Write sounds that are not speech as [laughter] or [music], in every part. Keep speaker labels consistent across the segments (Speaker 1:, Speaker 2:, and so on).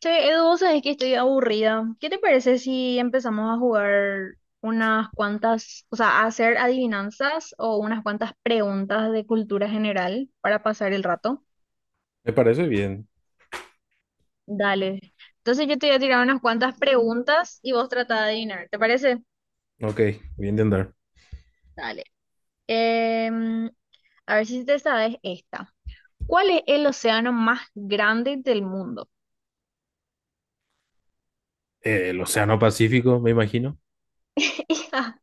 Speaker 1: Che, Edu, vos sabés que estoy aburrida. ¿Qué te parece si empezamos a jugar unas cuantas, o sea, a hacer adivinanzas o unas cuantas preguntas de cultura general para pasar el rato?
Speaker 2: Me parece bien.
Speaker 1: Dale. Entonces yo te voy a tirar unas cuantas preguntas y vos trata de adivinar. ¿Te parece?
Speaker 2: Ok, bien de andar.
Speaker 1: Dale. Em, a ver si te sabes esta. ¿Cuál es el océano más grande del mundo?
Speaker 2: El Océano Pacífico, me imagino.
Speaker 1: [laughs] Hija,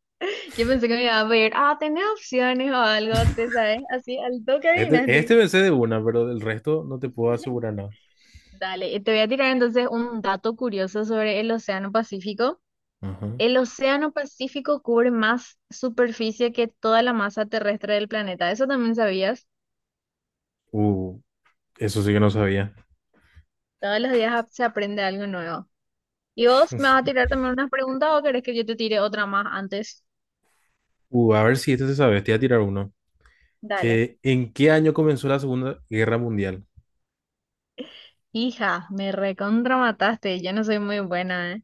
Speaker 1: yo pensé que me iba a ver. Ah, tenés opciones o algo, ¿te sabes? Así al toque
Speaker 2: Este,
Speaker 1: adivinaste.
Speaker 2: este me sé de una, pero del resto no te puedo asegurar nada.
Speaker 1: Dale, te voy a tirar entonces un dato curioso sobre el Océano Pacífico.
Speaker 2: Ajá.
Speaker 1: El Océano Pacífico cubre más superficie que toda la masa terrestre del planeta. Eso también sabías.
Speaker 2: Uh, eso sí que no sabía.
Speaker 1: Todos los días se aprende algo nuevo. ¿Y vos me vas a
Speaker 2: [laughs]
Speaker 1: tirar también unas preguntas o querés que yo te tire otra más antes?
Speaker 2: A ver si este se sabe. Te voy a tirar uno.
Speaker 1: Dale.
Speaker 2: ¿En qué año comenzó la Segunda Guerra Mundial?
Speaker 1: Hija, me recontra. Yo no soy muy buena, ¿eh?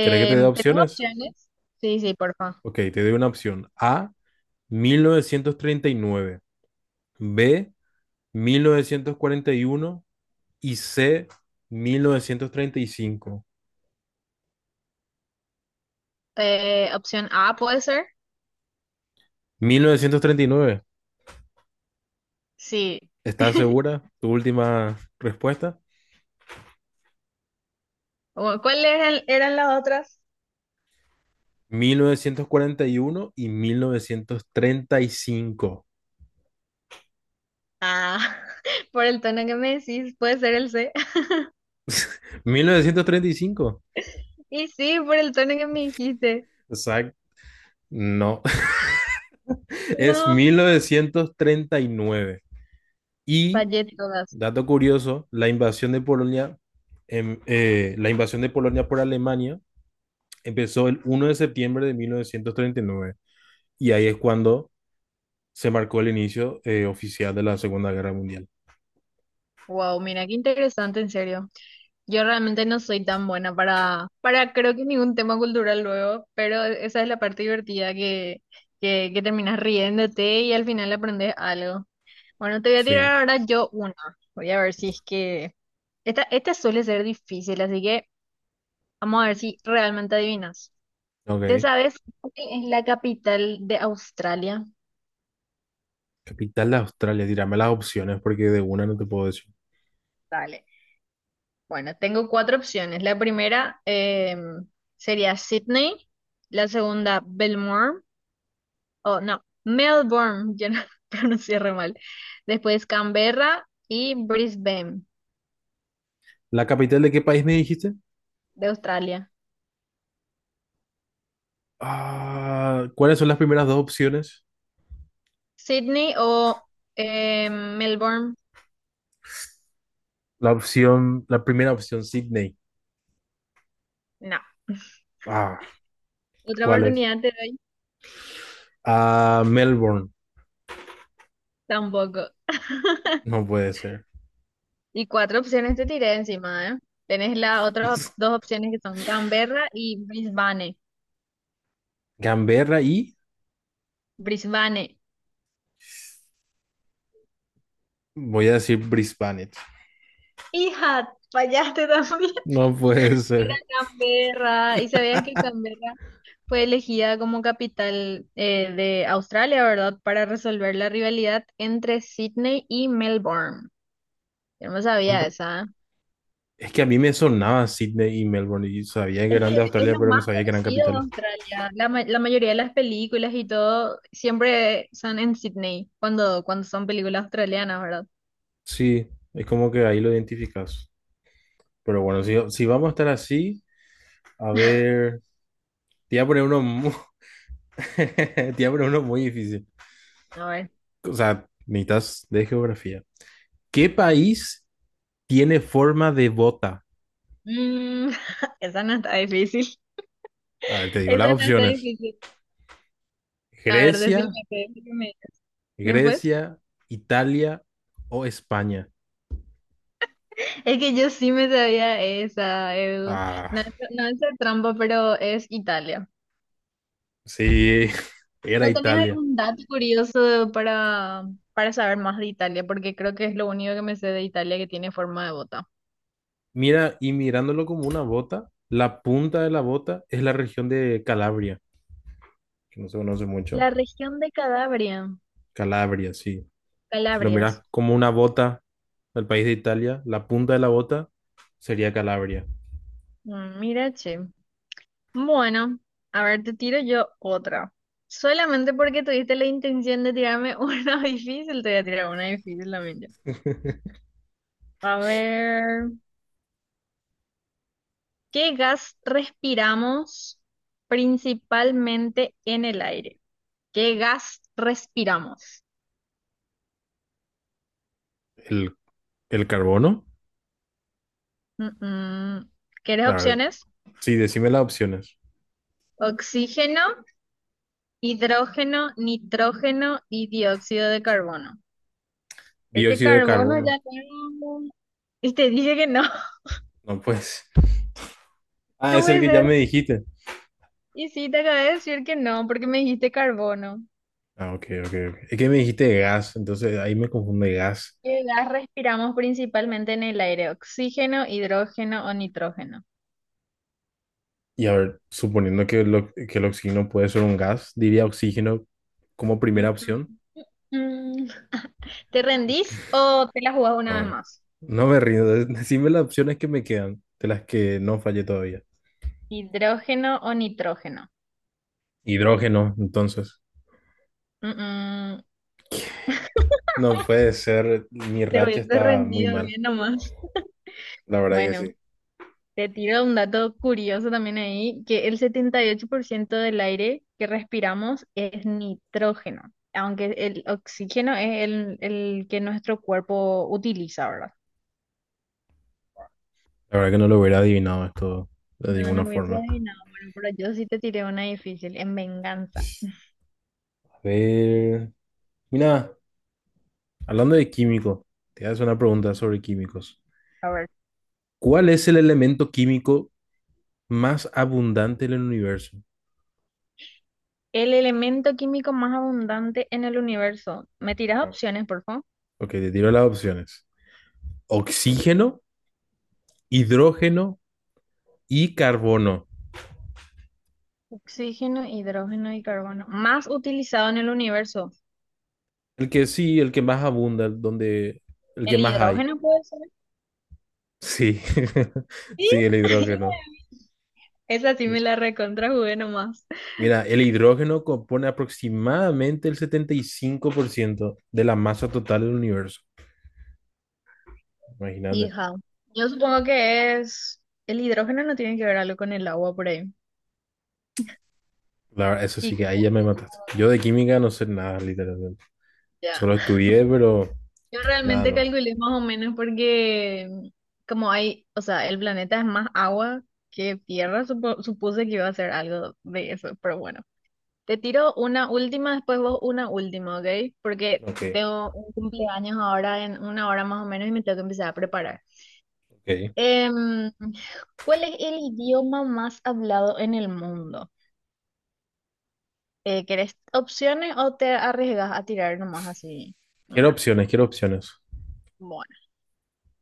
Speaker 2: ¿Querés que te dé
Speaker 1: ¿Tenés
Speaker 2: opciones?
Speaker 1: opciones? Sí, sí, porfa.
Speaker 2: Ok, te doy una opción. A, 1939. B, mil novecientos cuarenta y uno. Y C, mil novecientos treinta y cinco.
Speaker 1: Opción A puede ser.
Speaker 2: ¿Mil novecientos treinta y nueve?
Speaker 1: Sí.
Speaker 2: ¿Estás
Speaker 1: [laughs]
Speaker 2: segura? Tu última respuesta.
Speaker 1: ¿Cuáles eran las otras?
Speaker 2: Mil novecientos cuarenta y uno y mil novecientos treinta cinco.
Speaker 1: Ah, [laughs] por el tono que me decís, puede ser el C. [laughs]
Speaker 2: ¿Mil novecientos treinta y cinco?
Speaker 1: Y sí, por el tono que me dijiste.
Speaker 2: Exacto. No, [laughs] es mil
Speaker 1: No,
Speaker 2: novecientos treinta y nueve. Y,
Speaker 1: fallé todas.
Speaker 2: dato curioso, la invasión de Polonia por Alemania empezó el 1 de septiembre de 1939. Y nueve. Y ahí es cuando se marcó el inicio oficial de la Segunda Guerra Mundial.
Speaker 1: Wow, mira qué interesante, en serio. Yo realmente no soy tan buena para creo que ningún tema cultural luego, pero e, esa es la parte divertida que, que terminas riéndote y al final aprendes algo. Bueno, te voy a
Speaker 2: Sí,
Speaker 1: tirar ahora yo una. Voy a ver si es que... esta suele ser difícil, así que vamos a ver si realmente adivinas. ¿Te
Speaker 2: ok.
Speaker 1: sabes cuál es la capital de Australia?
Speaker 2: Capital de Australia, tírame las opciones porque de una no te puedo decir.
Speaker 1: Dale. Bueno, tengo cuatro opciones. La primera sería Sydney, la segunda Belmore, o no, Melbourne, yo no [laughs] pronuncié re mal. Después Canberra y Brisbane
Speaker 2: ¿La capital de qué país me dijiste?
Speaker 1: de Australia.
Speaker 2: Ah, ¿cuáles son las primeras dos opciones?
Speaker 1: Sydney o Melbourne,
Speaker 2: La primera opción, Sydney.
Speaker 1: no.
Speaker 2: Ah,
Speaker 1: Otra
Speaker 2: ¿cuál es?
Speaker 1: oportunidad te doy,
Speaker 2: Ah, Melbourne.
Speaker 1: tampoco.
Speaker 2: No puede ser.
Speaker 1: Y cuatro opciones te tiré encima, ¿eh? Tenés las otras
Speaker 2: [laughs]
Speaker 1: dos opciones que son Canberra y Brisbane.
Speaker 2: Canberra y
Speaker 1: Brisbane.
Speaker 2: voy a decir Brisbane.
Speaker 1: Hija, fallaste también. [laughs]
Speaker 2: No puede
Speaker 1: Era
Speaker 2: ser.
Speaker 1: Canberra. ¿Y sabías que Canberra fue elegida como capital de Australia, ¿verdad? Para resolver la rivalidad entre Sydney y Melbourne. Yo no
Speaker 2: Con
Speaker 1: sabía
Speaker 2: ra-
Speaker 1: esa.
Speaker 2: Es que a mí me sonaba Sydney y Melbourne y sabía que
Speaker 1: Es que
Speaker 2: eran de
Speaker 1: es
Speaker 2: Australia,
Speaker 1: lo
Speaker 2: pero no
Speaker 1: más
Speaker 2: sabía que eran
Speaker 1: conocido de
Speaker 2: capitales.
Speaker 1: Australia. La, la mayoría de las películas y todo siempre son en Sydney, cuando, cuando son películas australianas, ¿verdad?
Speaker 2: Sí, es como que ahí lo identificas. Pero bueno, si vamos a estar así, a ver, te voy a poner uno, mu- [laughs] te voy a poner uno muy difícil.
Speaker 1: A ver.
Speaker 2: O sea, necesitas de geografía. ¿Qué país tiene forma de bota?
Speaker 1: Mm, [laughs] esa no está difícil. [laughs]
Speaker 2: A ver, te digo
Speaker 1: Esa
Speaker 2: las
Speaker 1: no está
Speaker 2: opciones.
Speaker 1: difícil. A ver,
Speaker 2: Grecia,
Speaker 1: decime, ¿qué después?
Speaker 2: Grecia, Italia o España.
Speaker 1: Es que yo sí me sabía esa, el
Speaker 2: Ah,
Speaker 1: no, no es de trampa, pero es Italia.
Speaker 2: sí, [laughs] era
Speaker 1: ¿No tenés
Speaker 2: Italia.
Speaker 1: algún dato curioso para saber más de Italia? Porque creo que es lo único que me sé de Italia, que tiene forma de bota.
Speaker 2: Mira, y mirándolo como una bota, la punta de la bota es la región de Calabria, que no se conoce mucho.
Speaker 1: La región de Calabria,
Speaker 2: Calabria, sí. Si lo miras
Speaker 1: Calabrias.
Speaker 2: como una bota, del país de Italia, la punta de la bota sería Calabria.
Speaker 1: Mm, mira, che. Bueno, a ver, te tiro yo otra. Solamente porque tuviste la intención de tirarme [laughs] una difícil, te voy a tirar una difícil también yo. A ver. ¿Qué gas respiramos principalmente en el aire? ¿Qué gas respiramos?
Speaker 2: ¿El, el carbono?
Speaker 1: Mm, mm. ¿Quieres
Speaker 2: A ver,
Speaker 1: opciones?
Speaker 2: sí, decime las opciones.
Speaker 1: Oxígeno, hidrógeno, nitrógeno y dióxido de carbono. Ese
Speaker 2: Dióxido de
Speaker 1: carbono
Speaker 2: carbono.
Speaker 1: ya no... Y [laughs] te dije que no. [laughs]
Speaker 2: No, pues. [laughs] Ah,
Speaker 1: No
Speaker 2: es el
Speaker 1: puede
Speaker 2: que ya
Speaker 1: ser.
Speaker 2: me dijiste.
Speaker 1: Y sí, te acabé de decir que no, porque me dijiste carbono.
Speaker 2: Ah, ok, ok, ok. Es que me dijiste gas, entonces ahí me confunde gas.
Speaker 1: ¿Qué gas respiramos principalmente en el aire? ¿Oxígeno, hidrógeno o nitrógeno?
Speaker 2: Y a ver, suponiendo que el oxígeno puede ser un gas, diría oxígeno como primera opción.
Speaker 1: Mm, mm. Mm, ¿te rendís
Speaker 2: Ok.
Speaker 1: o te la jugás una
Speaker 2: No,
Speaker 1: vez
Speaker 2: no,
Speaker 1: más?
Speaker 2: no me rindo. [laughs] Decime las opciones que me quedan, de las que no fallé todavía.
Speaker 1: ¿Hidrógeno o nitrógeno?
Speaker 2: Hidrógeno, entonces.
Speaker 1: Mm, mm.
Speaker 2: No puede ser, mi
Speaker 1: Te
Speaker 2: racha
Speaker 1: hubiese
Speaker 2: está muy
Speaker 1: rendido
Speaker 2: mal,
Speaker 1: bien nomás.
Speaker 2: la verdad que
Speaker 1: Bueno,
Speaker 2: sí.
Speaker 1: te tiro un dato curioso también ahí, que el 78% del aire que respiramos es nitrógeno, aunque el oxígeno es el que nuestro cuerpo utiliza, ¿verdad?
Speaker 2: La verdad que no lo hubiera adivinado esto de
Speaker 1: No,
Speaker 2: ninguna
Speaker 1: no hubiese
Speaker 2: forma.
Speaker 1: adivinado. Bueno, pero yo sí te tiré una difícil, en venganza.
Speaker 2: A ver, mira, hablando de químico, te hago una pregunta sobre químicos.
Speaker 1: A ver,
Speaker 2: ¿Cuál es el elemento químico más abundante en el universo?
Speaker 1: el elemento químico más abundante en el universo. ¿Me tiras
Speaker 2: Ajá.
Speaker 1: opciones, por favor?
Speaker 2: Ok, te tiro las opciones. Oxígeno, hidrógeno y carbono.
Speaker 1: Oxígeno, hidrógeno y carbono. Más utilizado en el universo.
Speaker 2: El que sí, el que más abunda, el donde, el que
Speaker 1: El
Speaker 2: más hay.
Speaker 1: hidrógeno puede ser.
Speaker 2: Sí, [laughs]
Speaker 1: Sí.
Speaker 2: sí, el
Speaker 1: [laughs]
Speaker 2: hidrógeno.
Speaker 1: Esa sí me la recontrajugué nomás.
Speaker 2: Mira, el hidrógeno compone aproximadamente el 75% de la masa total del universo. Imagínate.
Speaker 1: Hija. Yo supongo que es. El hidrógeno no tiene que ver algo con el agua por ahí.
Speaker 2: La verdad, eso sí
Speaker 1: Y
Speaker 2: que ahí
Speaker 1: como,
Speaker 2: ya me mataste. Yo de química no sé nada, literalmente.
Speaker 1: ya.
Speaker 2: Solo estudié, pero
Speaker 1: Yo
Speaker 2: nada
Speaker 1: realmente
Speaker 2: más.
Speaker 1: calculé más o menos porque como hay, o sea, el planeta es más agua que tierra, supuse que iba a ser algo de eso, pero bueno. Te tiro una última, después vos una última, ¿ok? Porque
Speaker 2: Ok,
Speaker 1: tengo un cumpleaños ahora en una hora más o menos y me tengo que empezar a preparar.
Speaker 2: ok.
Speaker 1: Em, ¿Cuál es el idioma más hablado en el mundo? ¿Querés opciones o te arriesgas a tirar nomás así
Speaker 2: Quiero
Speaker 1: una?
Speaker 2: opciones, quiero opciones.
Speaker 1: Bueno,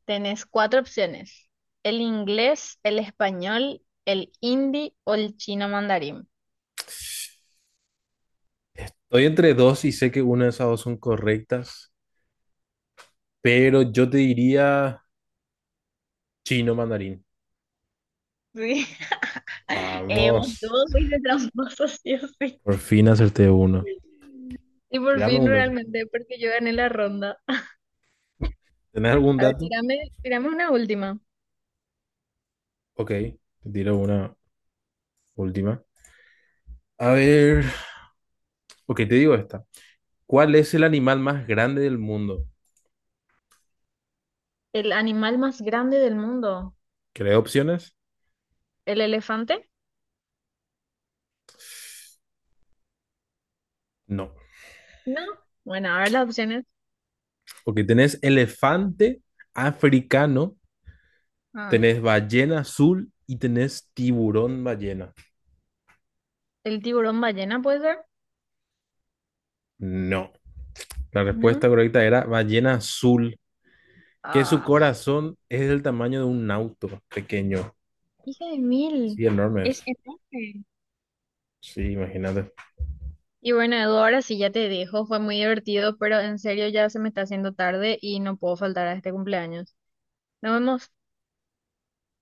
Speaker 1: tenés cuatro opciones. El inglés, el español, el hindi o el chino mandarín.
Speaker 2: Estoy entre dos y sé que una de esas dos son correctas, pero yo te diría chino mandarín.
Speaker 1: Sí. [laughs] Vos
Speaker 2: Vamos.
Speaker 1: todos sois de tramposos, sí o sí.
Speaker 2: Por fin acerté uno.
Speaker 1: Y por
Speaker 2: Tírame
Speaker 1: fin
Speaker 2: un dato.
Speaker 1: realmente, porque yo gané la ronda.
Speaker 2: ¿Tenés algún
Speaker 1: A ver,
Speaker 2: dato?
Speaker 1: tirame, tirame una última.
Speaker 2: Ok, te tiro una última. A ver, ok, te digo esta. ¿Cuál es el animal más grande del mundo?
Speaker 1: ¿El animal más grande del mundo?
Speaker 2: ¿Querés opciones?
Speaker 1: ¿El elefante?
Speaker 2: No.
Speaker 1: No. Bueno, a ver las opciones.
Speaker 2: Ok, tenés elefante africano,
Speaker 1: Ah,
Speaker 2: tenés ballena azul y tenés tiburón ballena.
Speaker 1: ¿el tiburón ballena puede ser?
Speaker 2: No. La
Speaker 1: No.
Speaker 2: respuesta correcta era ballena azul, que su
Speaker 1: Ah,
Speaker 2: corazón es del tamaño de un auto pequeño.
Speaker 1: hija de
Speaker 2: Sí,
Speaker 1: mil.
Speaker 2: enorme
Speaker 1: Es
Speaker 2: es.
Speaker 1: enorme.
Speaker 2: Sí, imagínate.
Speaker 1: Y bueno, Edu, ahora sí ya te dejo. Fue muy divertido, pero en serio ya se me está haciendo tarde y no puedo faltar a este cumpleaños. Nos vemos.